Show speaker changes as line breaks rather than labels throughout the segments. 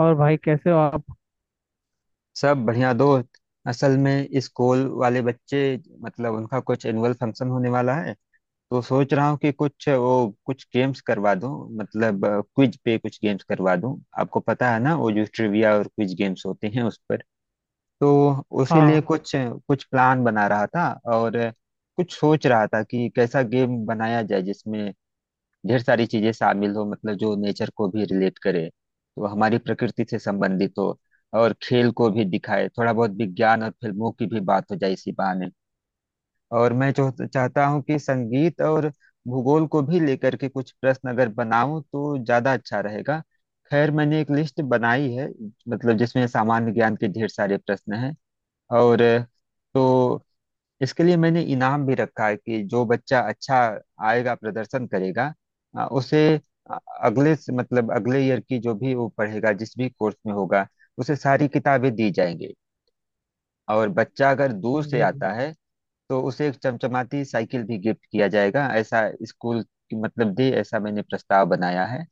और भाई कैसे हो आप।
सब बढ़िया दोस्त। असल में इस स्कूल वाले बच्चे, मतलब उनका कुछ एनुअल फंक्शन होने वाला है। तो सोच रहा हूँ कि कुछ वो कुछ गेम्स करवा दूँ, मतलब क्विज पे कुछ गेम्स करवा दूँ। आपको पता है ना, वो जो ट्रिविया और क्विज गेम्स होते हैं, उस पर। तो उसी
हाँ।
लिए कुछ कुछ प्लान बना रहा था। और कुछ सोच रहा था कि कैसा गेम बनाया जाए जिसमें ढेर सारी चीजें शामिल हो, मतलब जो नेचर को भी रिलेट करे, तो हमारी प्रकृति से संबंधित हो और खेल को भी दिखाए, थोड़ा बहुत विज्ञान और फिल्मों की भी बात हो जाए इसी बहाने। और मैं जो चाहता हूँ कि संगीत और भूगोल को भी लेकर के कुछ प्रश्न अगर बनाऊं तो ज्यादा अच्छा रहेगा। खैर, मैंने एक लिस्ट बनाई है, मतलब जिसमें सामान्य ज्ञान के ढेर सारे प्रश्न हैं। और तो इसके लिए मैंने इनाम भी रखा है कि जो बच्चा अच्छा आएगा, प्रदर्शन करेगा, उसे अ, मतलब अगले ईयर की जो भी वो पढ़ेगा, जिस भी कोर्स में होगा, उसे सारी किताबें दी जाएंगी। और बच्चा अगर दूर से
जी जी,
आता है तो उसे एक चमचमाती साइकिल भी गिफ्ट किया जाएगा, ऐसा स्कूल की मतलब दे, ऐसा मैंने प्रस्ताव बनाया है।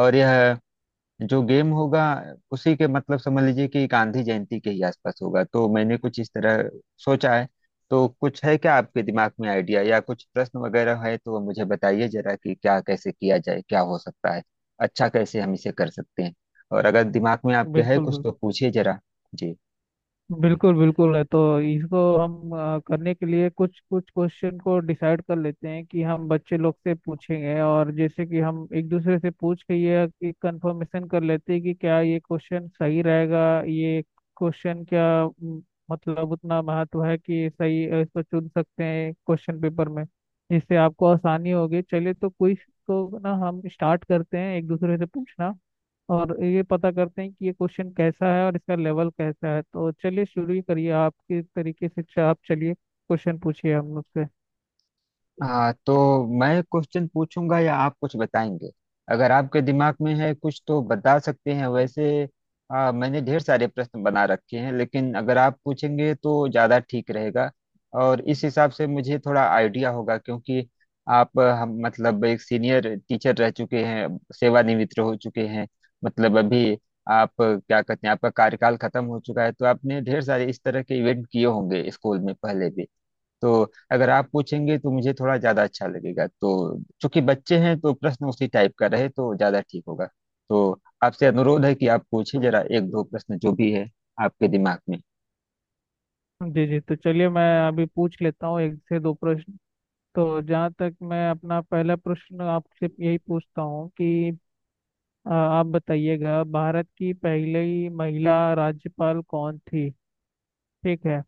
और यह जो गेम होगा, उसी के मतलब समझ लीजिए कि गांधी जयंती के ही आसपास होगा, तो मैंने कुछ इस तरह सोचा है। तो कुछ है क्या आपके दिमाग में आइडिया या कुछ प्रश्न वगैरह है तो मुझे बताइए जरा, कि क्या कैसे किया जाए, क्या हो सकता है, अच्छा कैसे हम इसे कर सकते हैं। और अगर दिमाग में आपके है
बिल्कुल
कुछ
बिल्कुल।
तो पूछिए जरा। जी
बिल्कुल बिल्कुल है तो इसको हम करने के लिए कुछ कुछ क्वेश्चन को डिसाइड कर लेते हैं कि हम बच्चे लोग से पूछेंगे, और जैसे कि हम एक दूसरे से पूछ के ये एक कंफर्मेशन कर लेते हैं कि क्या ये क्वेश्चन सही रहेगा। ये क्वेश्चन क्या मतलब उतना महत्व है कि सही इसको चुन सकते हैं क्वेश्चन पेपर में, जिससे आपको आसानी होगी। चलिए तो क्विज को ना हम स्टार्ट करते हैं एक दूसरे से पूछना, और ये पता करते हैं कि ये क्वेश्चन कैसा है और इसका लेवल कैसा है। तो चलिए शुरू ही करिए आपके तरीके से, आप चलिए क्वेश्चन पूछिए हम मुझसे।
हाँ, तो मैं क्वेश्चन पूछूंगा या आप कुछ बताएंगे? अगर आपके दिमाग में है कुछ तो बता सकते हैं वैसे। मैंने ढेर सारे प्रश्न बना रखे हैं, लेकिन अगर आप पूछेंगे तो ज़्यादा ठीक रहेगा, और इस हिसाब से मुझे थोड़ा आइडिया होगा। क्योंकि आप हम मतलब एक सीनियर टीचर रह चुके हैं, सेवानिवृत्त हो चुके हैं, मतलब अभी आप क्या कहते हैं, आपका कार्यकाल खत्म हो चुका है, तो आपने ढेर सारे इस तरह के इवेंट किए होंगे स्कूल में पहले भी। तो अगर आप पूछेंगे तो मुझे थोड़ा ज्यादा अच्छा लगेगा। तो चूंकि बच्चे हैं तो प्रश्न उसी टाइप का रहे तो ज्यादा ठीक होगा। तो आपसे अनुरोध है कि आप पूछिए जरा एक दो प्रश्न जो भी है आपके दिमाग में।
जी जी, तो चलिए मैं अभी पूछ लेता हूँ एक से दो प्रश्न। तो जहाँ तक, मैं अपना पहला प्रश्न आपसे यही पूछता हूँ कि आप बताइएगा, भारत की पहली महिला राज्यपाल कौन थी। ठीक है,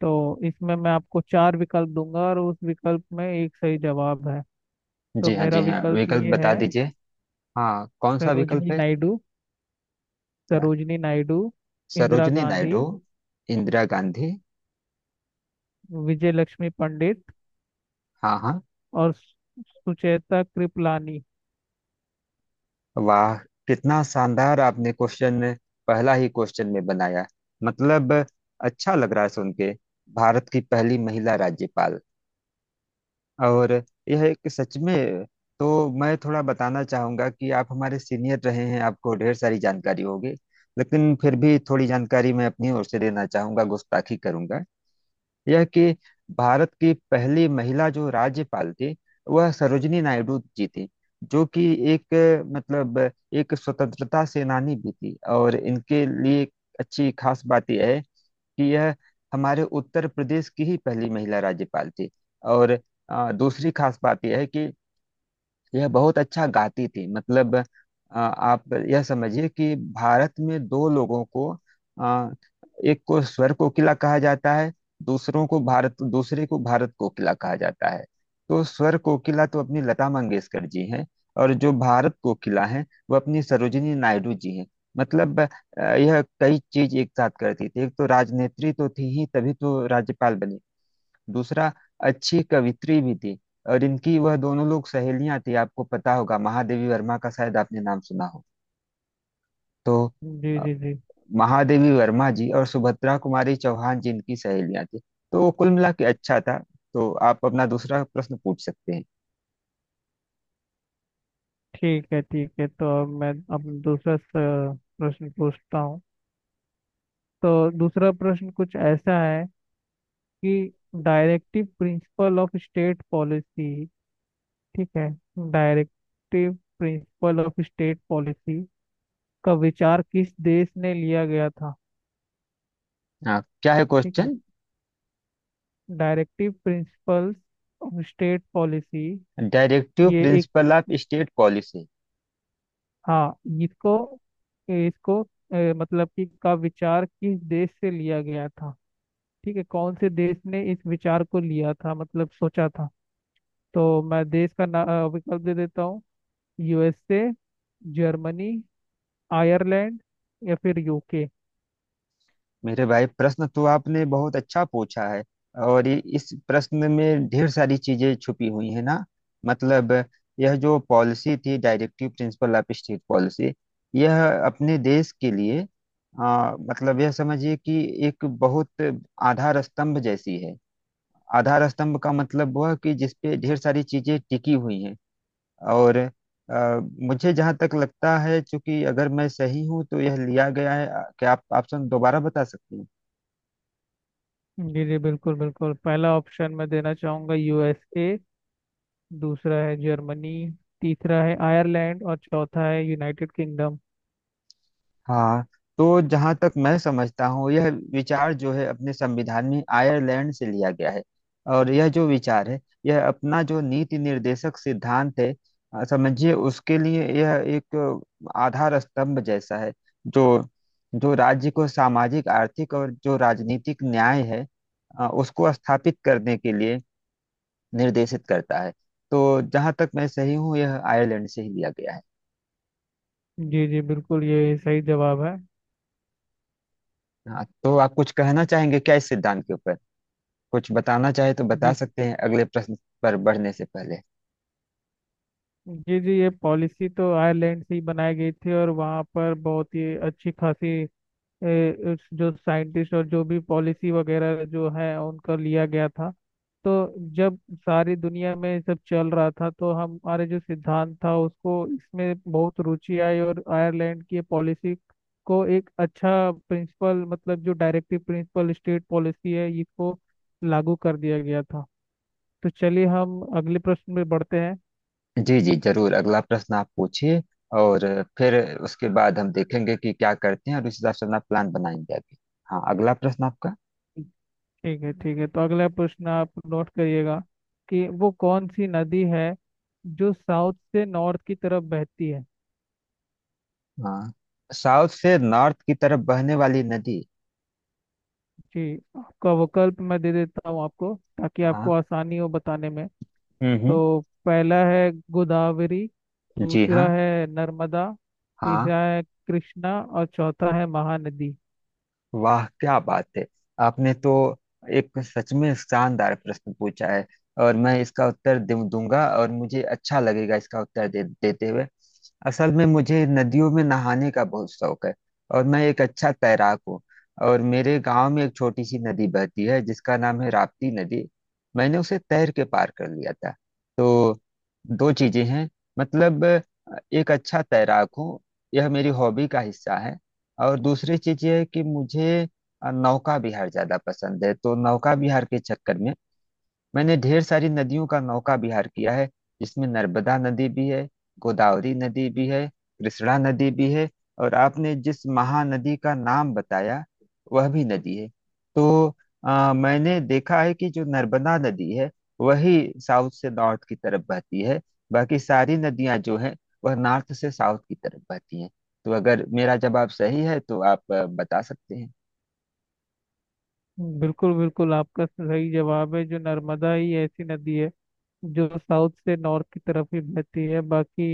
तो इसमें मैं आपको चार विकल्प दूंगा और उस विकल्प में एक सही जवाब है। तो
जी हाँ,
मेरा
जी हाँ,
विकल्प
विकल्प
ये
बता
है।
दीजिए। हाँ, कौन सा विकल्प
सरोजनी
है?
नायडू।
क्या?
सरोजनी नायडू। इंदिरा
सरोजनी
गांधी।
नायडू। इंदिरा गांधी।
विजय लक्ष्मी पंडित।
हाँ, हाँ।
और सुचेता कृपलानी।
वाह, कितना शानदार आपने क्वेश्चन पहला ही क्वेश्चन में बनाया, मतलब अच्छा लग रहा है सुन के। भारत की पहली महिला राज्यपाल। और यह एक सच में, तो मैं थोड़ा बताना चाहूंगा कि आप हमारे सीनियर रहे हैं, आपको ढेर सारी जानकारी होगी, लेकिन फिर भी थोड़ी जानकारी मैं अपनी ओर से देना चाहूंगा, गुस्ताखी करूंगा। यह कि भारत की पहली महिला जो राज्यपाल थी, वह सरोजिनी नायडू जी थी, जो कि एक मतलब एक स्वतंत्रता सेनानी भी थी, और इनके लिए अच्छी खास बात यह है कि यह हमारे उत्तर प्रदेश की ही पहली महिला राज्यपाल थी। और दूसरी खास बात यह है कि यह बहुत अच्छा गाती थी, मतलब आप यह समझिए कि भारत में दो लोगों को, अ, एक को स्वर कोकिला कहा जाता है, दूसरों को भारत दूसरे को भारत कोकिला कहा जाता है। तो स्वर कोकिला तो अपनी लता मंगेशकर जी हैं, और जो भारत कोकिला हैं वो अपनी सरोजिनी नायडू जी हैं। मतलब यह कई चीज एक साथ करती थी, एक तो राजनेत्री तो थी ही, तभी तो राज्यपाल बनी। दूसरा, अच्छी कवित्री भी थी, और इनकी वह दोनों लोग सहेलियां थी। आपको पता होगा, महादेवी वर्मा का शायद आपने नाम सुना हो। तो
जी
अ,
जी जी।
महादेवी वर्मा जी और सुभद्रा कुमारी चौहान जी इनकी सहेलियां थी। तो वो कुल मिला के अच्छा था। तो आप अपना दूसरा प्रश्न पूछ सकते हैं।
ठीक है ठीक है, तो अब मैं अब दूसरा प्रश्न पूछता हूँ। तो दूसरा प्रश्न कुछ ऐसा है कि directive principle of state policy. ठीक है। Directive principle of state policy का विचार किस देश ने लिया गया था।
हाँ, क्या है
ठीक है।
Question?
Directive principles of state policy,
directive
ये एक,
प्रिंसिपल ऑफ स्टेट पॉलिसी।
हाँ, इसको इसको मतलब कि का विचार किस देश से लिया गया था। ठीक है, कौन से देश ने इस विचार को लिया था, मतलब सोचा था। तो मैं देश का ना विकल्प दे देता हूँ। यूएसए। जर्मनी। आयरलैंड। या फिर यूके।
मेरे भाई, प्रश्न तो आपने बहुत अच्छा पूछा है, और इस प्रश्न में ढेर सारी चीजें छुपी हुई है ना। मतलब यह जो पॉलिसी थी, directive principle of state policy, यह अपने देश के लिए मतलब यह समझिए कि एक बहुत आधार स्तंभ जैसी है। आधार स्तंभ का मतलब वह कि जिस पे ढेर सारी चीजें टिकी हुई हैं। और आ, मुझे जहाँ तक लगता है, चूंकि अगर मैं सही हूँ तो यह लिया गया है। क्या आप ऑप्शन दोबारा बता सकते हैं?
जी जी, बिल्कुल बिल्कुल, पहला ऑप्शन मैं देना चाहूँगा यूएसए। दूसरा है जर्मनी। तीसरा है आयरलैंड। और चौथा है यूनाइटेड किंगडम।
हाँ, तो जहां तक मैं समझता हूँ, यह विचार जो है अपने संविधान में आयरलैंड से लिया गया है। और यह जो विचार है, यह अपना जो नीति निर्देशक सिद्धांत है, समझिए उसके लिए यह एक आधार स्तंभ जैसा है, जो जो राज्य को सामाजिक, आर्थिक और जो राजनीतिक न्याय है उसको स्थापित करने के लिए निर्देशित करता है। तो जहां तक मैं सही हूँ, यह आयरलैंड से ही लिया गया है।
जी जी बिल्कुल, ये सही जवाब है।
हाँ, तो आप कुछ कहना चाहेंगे क्या इस सिद्धांत के ऊपर? कुछ बताना चाहे तो बता
जी
सकते हैं अगले प्रश्न पर बढ़ने से पहले।
जी जी, ये पॉलिसी तो आयरलैंड से ही बनाई गई थी और वहाँ पर बहुत ही अच्छी खासी जो साइंटिस्ट और जो भी पॉलिसी वगैरह जो है उनका लिया गया था। तो जब सारी दुनिया में ये सब चल रहा था, तो हमारे जो सिद्धांत था उसको इसमें बहुत रुचि आई, और आयरलैंड की पॉलिसी को एक अच्छा प्रिंसिपल, मतलब जो डायरेक्टिव प्रिंसिपल स्टेट पॉलिसी है, इसको लागू कर दिया गया था। तो चलिए हम अगले प्रश्न में बढ़ते हैं।
जी जी जरूर, अगला प्रश्न आप पूछिए। और फिर उसके बाद हम देखेंगे कि क्या करते हैं, और उस हिसाब से अपना प्लान बनाएंगे आगे। हाँ, अगला प्रश्न आपका।
ठीक है ठीक है, तो अगला प्रश्न आप नोट करिएगा कि वो कौन सी नदी है जो साउथ से नॉर्थ की तरफ बहती है।
हाँ, साउथ से नॉर्थ की तरफ बहने वाली नदी।
जी, आपका विकल्प मैं दे देता हूँ आपको ताकि आपको
हाँ।
आसानी हो बताने में। तो
हम्म।
पहला है गोदावरी।
जी
दूसरा
हाँ।
है नर्मदा।
हाँ।
तीसरा है कृष्णा और चौथा है महानदी।
वाह, क्या बात है! आपने तो एक सच में शानदार प्रश्न पूछा है। और मैं इसका उत्तर दूंगा, और मुझे अच्छा लगेगा इसका उत्तर देते हुए। असल में मुझे नदियों में नहाने का बहुत शौक है, और मैं एक अच्छा तैराक हूँ। और मेरे गांव में एक छोटी सी नदी बहती है जिसका नाम है राप्ती नदी। मैंने उसे तैर के पार कर लिया था। तो दो चीजें हैं, मतलब एक अच्छा तैराक हूँ, यह मेरी हॉबी का हिस्सा है। और दूसरी चीज ये है कि मुझे नौका विहार ज्यादा पसंद है, तो नौका विहार के चक्कर में मैंने ढेर सारी नदियों का नौका विहार किया है, जिसमें नर्मदा नदी भी है, गोदावरी नदी भी है, कृष्णा नदी भी है। और आपने जिस महानदी का नाम बताया, वह भी नदी है। तो मैंने देखा है कि जो नर्मदा नदी है, वही साउथ से नॉर्थ की तरफ बहती है। बाकी सारी नदियां जो हैं, वह नॉर्थ से साउथ की तरफ बहती हैं। तो अगर मेरा जवाब सही है तो आप बता सकते हैं।
बिल्कुल बिल्कुल, आपका सही जवाब है। जो नर्मदा ही ऐसी नदी है जो साउथ से नॉर्थ की तरफ ही बहती है। बाकी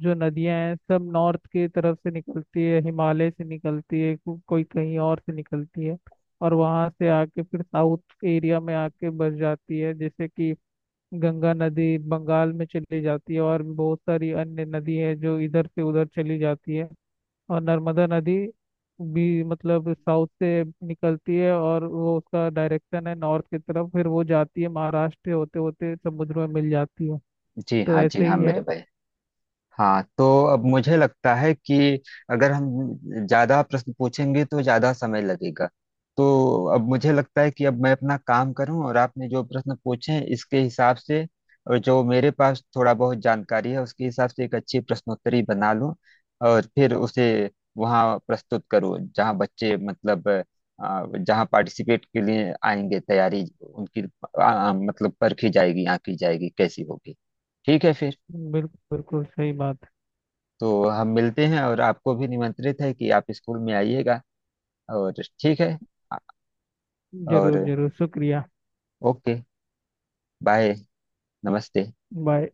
जो नदियां हैं सब नॉर्थ की तरफ से निकलती है, हिमालय से निकलती है, कोई कहीं और से निकलती है और वहां से आके फिर साउथ एरिया में आके बस जाती है। जैसे कि गंगा नदी बंगाल में चली जाती है, और बहुत सारी अन्य नदी है जो इधर से उधर चली जाती है। और नर्मदा नदी भी मतलब साउथ से निकलती है और वो उसका डायरेक्शन है नॉर्थ की तरफ, फिर वो जाती है महाराष्ट्र होते होते समुद्र में मिल जाती है।
जी
तो
हाँ, जी
ऐसे
हाँ,
ही
मेरे
है।
भाई। हाँ, तो अब मुझे लगता है कि अगर हम ज्यादा प्रश्न पूछेंगे तो ज्यादा समय लगेगा। तो अब मुझे लगता है कि अब मैं अपना काम करूं, और आपने जो प्रश्न पूछे इसके हिसाब से और जो मेरे पास थोड़ा बहुत जानकारी है उसके हिसाब से एक अच्छी प्रश्नोत्तरी बना लूं। और फिर उसे वहां प्रस्तुत करूं जहां बच्चे, मतलब जहां पार्टिसिपेट के लिए आएंगे, तैयारी उनकी मतलब परखी जाएगी, आंकी जाएगी कैसी होगी। ठीक है फिर,
बिल्कुल बिल्कुल सही बात।
तो हम मिलते हैं, और आपको भी निमंत्रित है कि आप स्कूल में आइएगा। और ठीक है। और
जरूर जरूर, शुक्रिया।
ओके, बाय, नमस्ते।
बाय।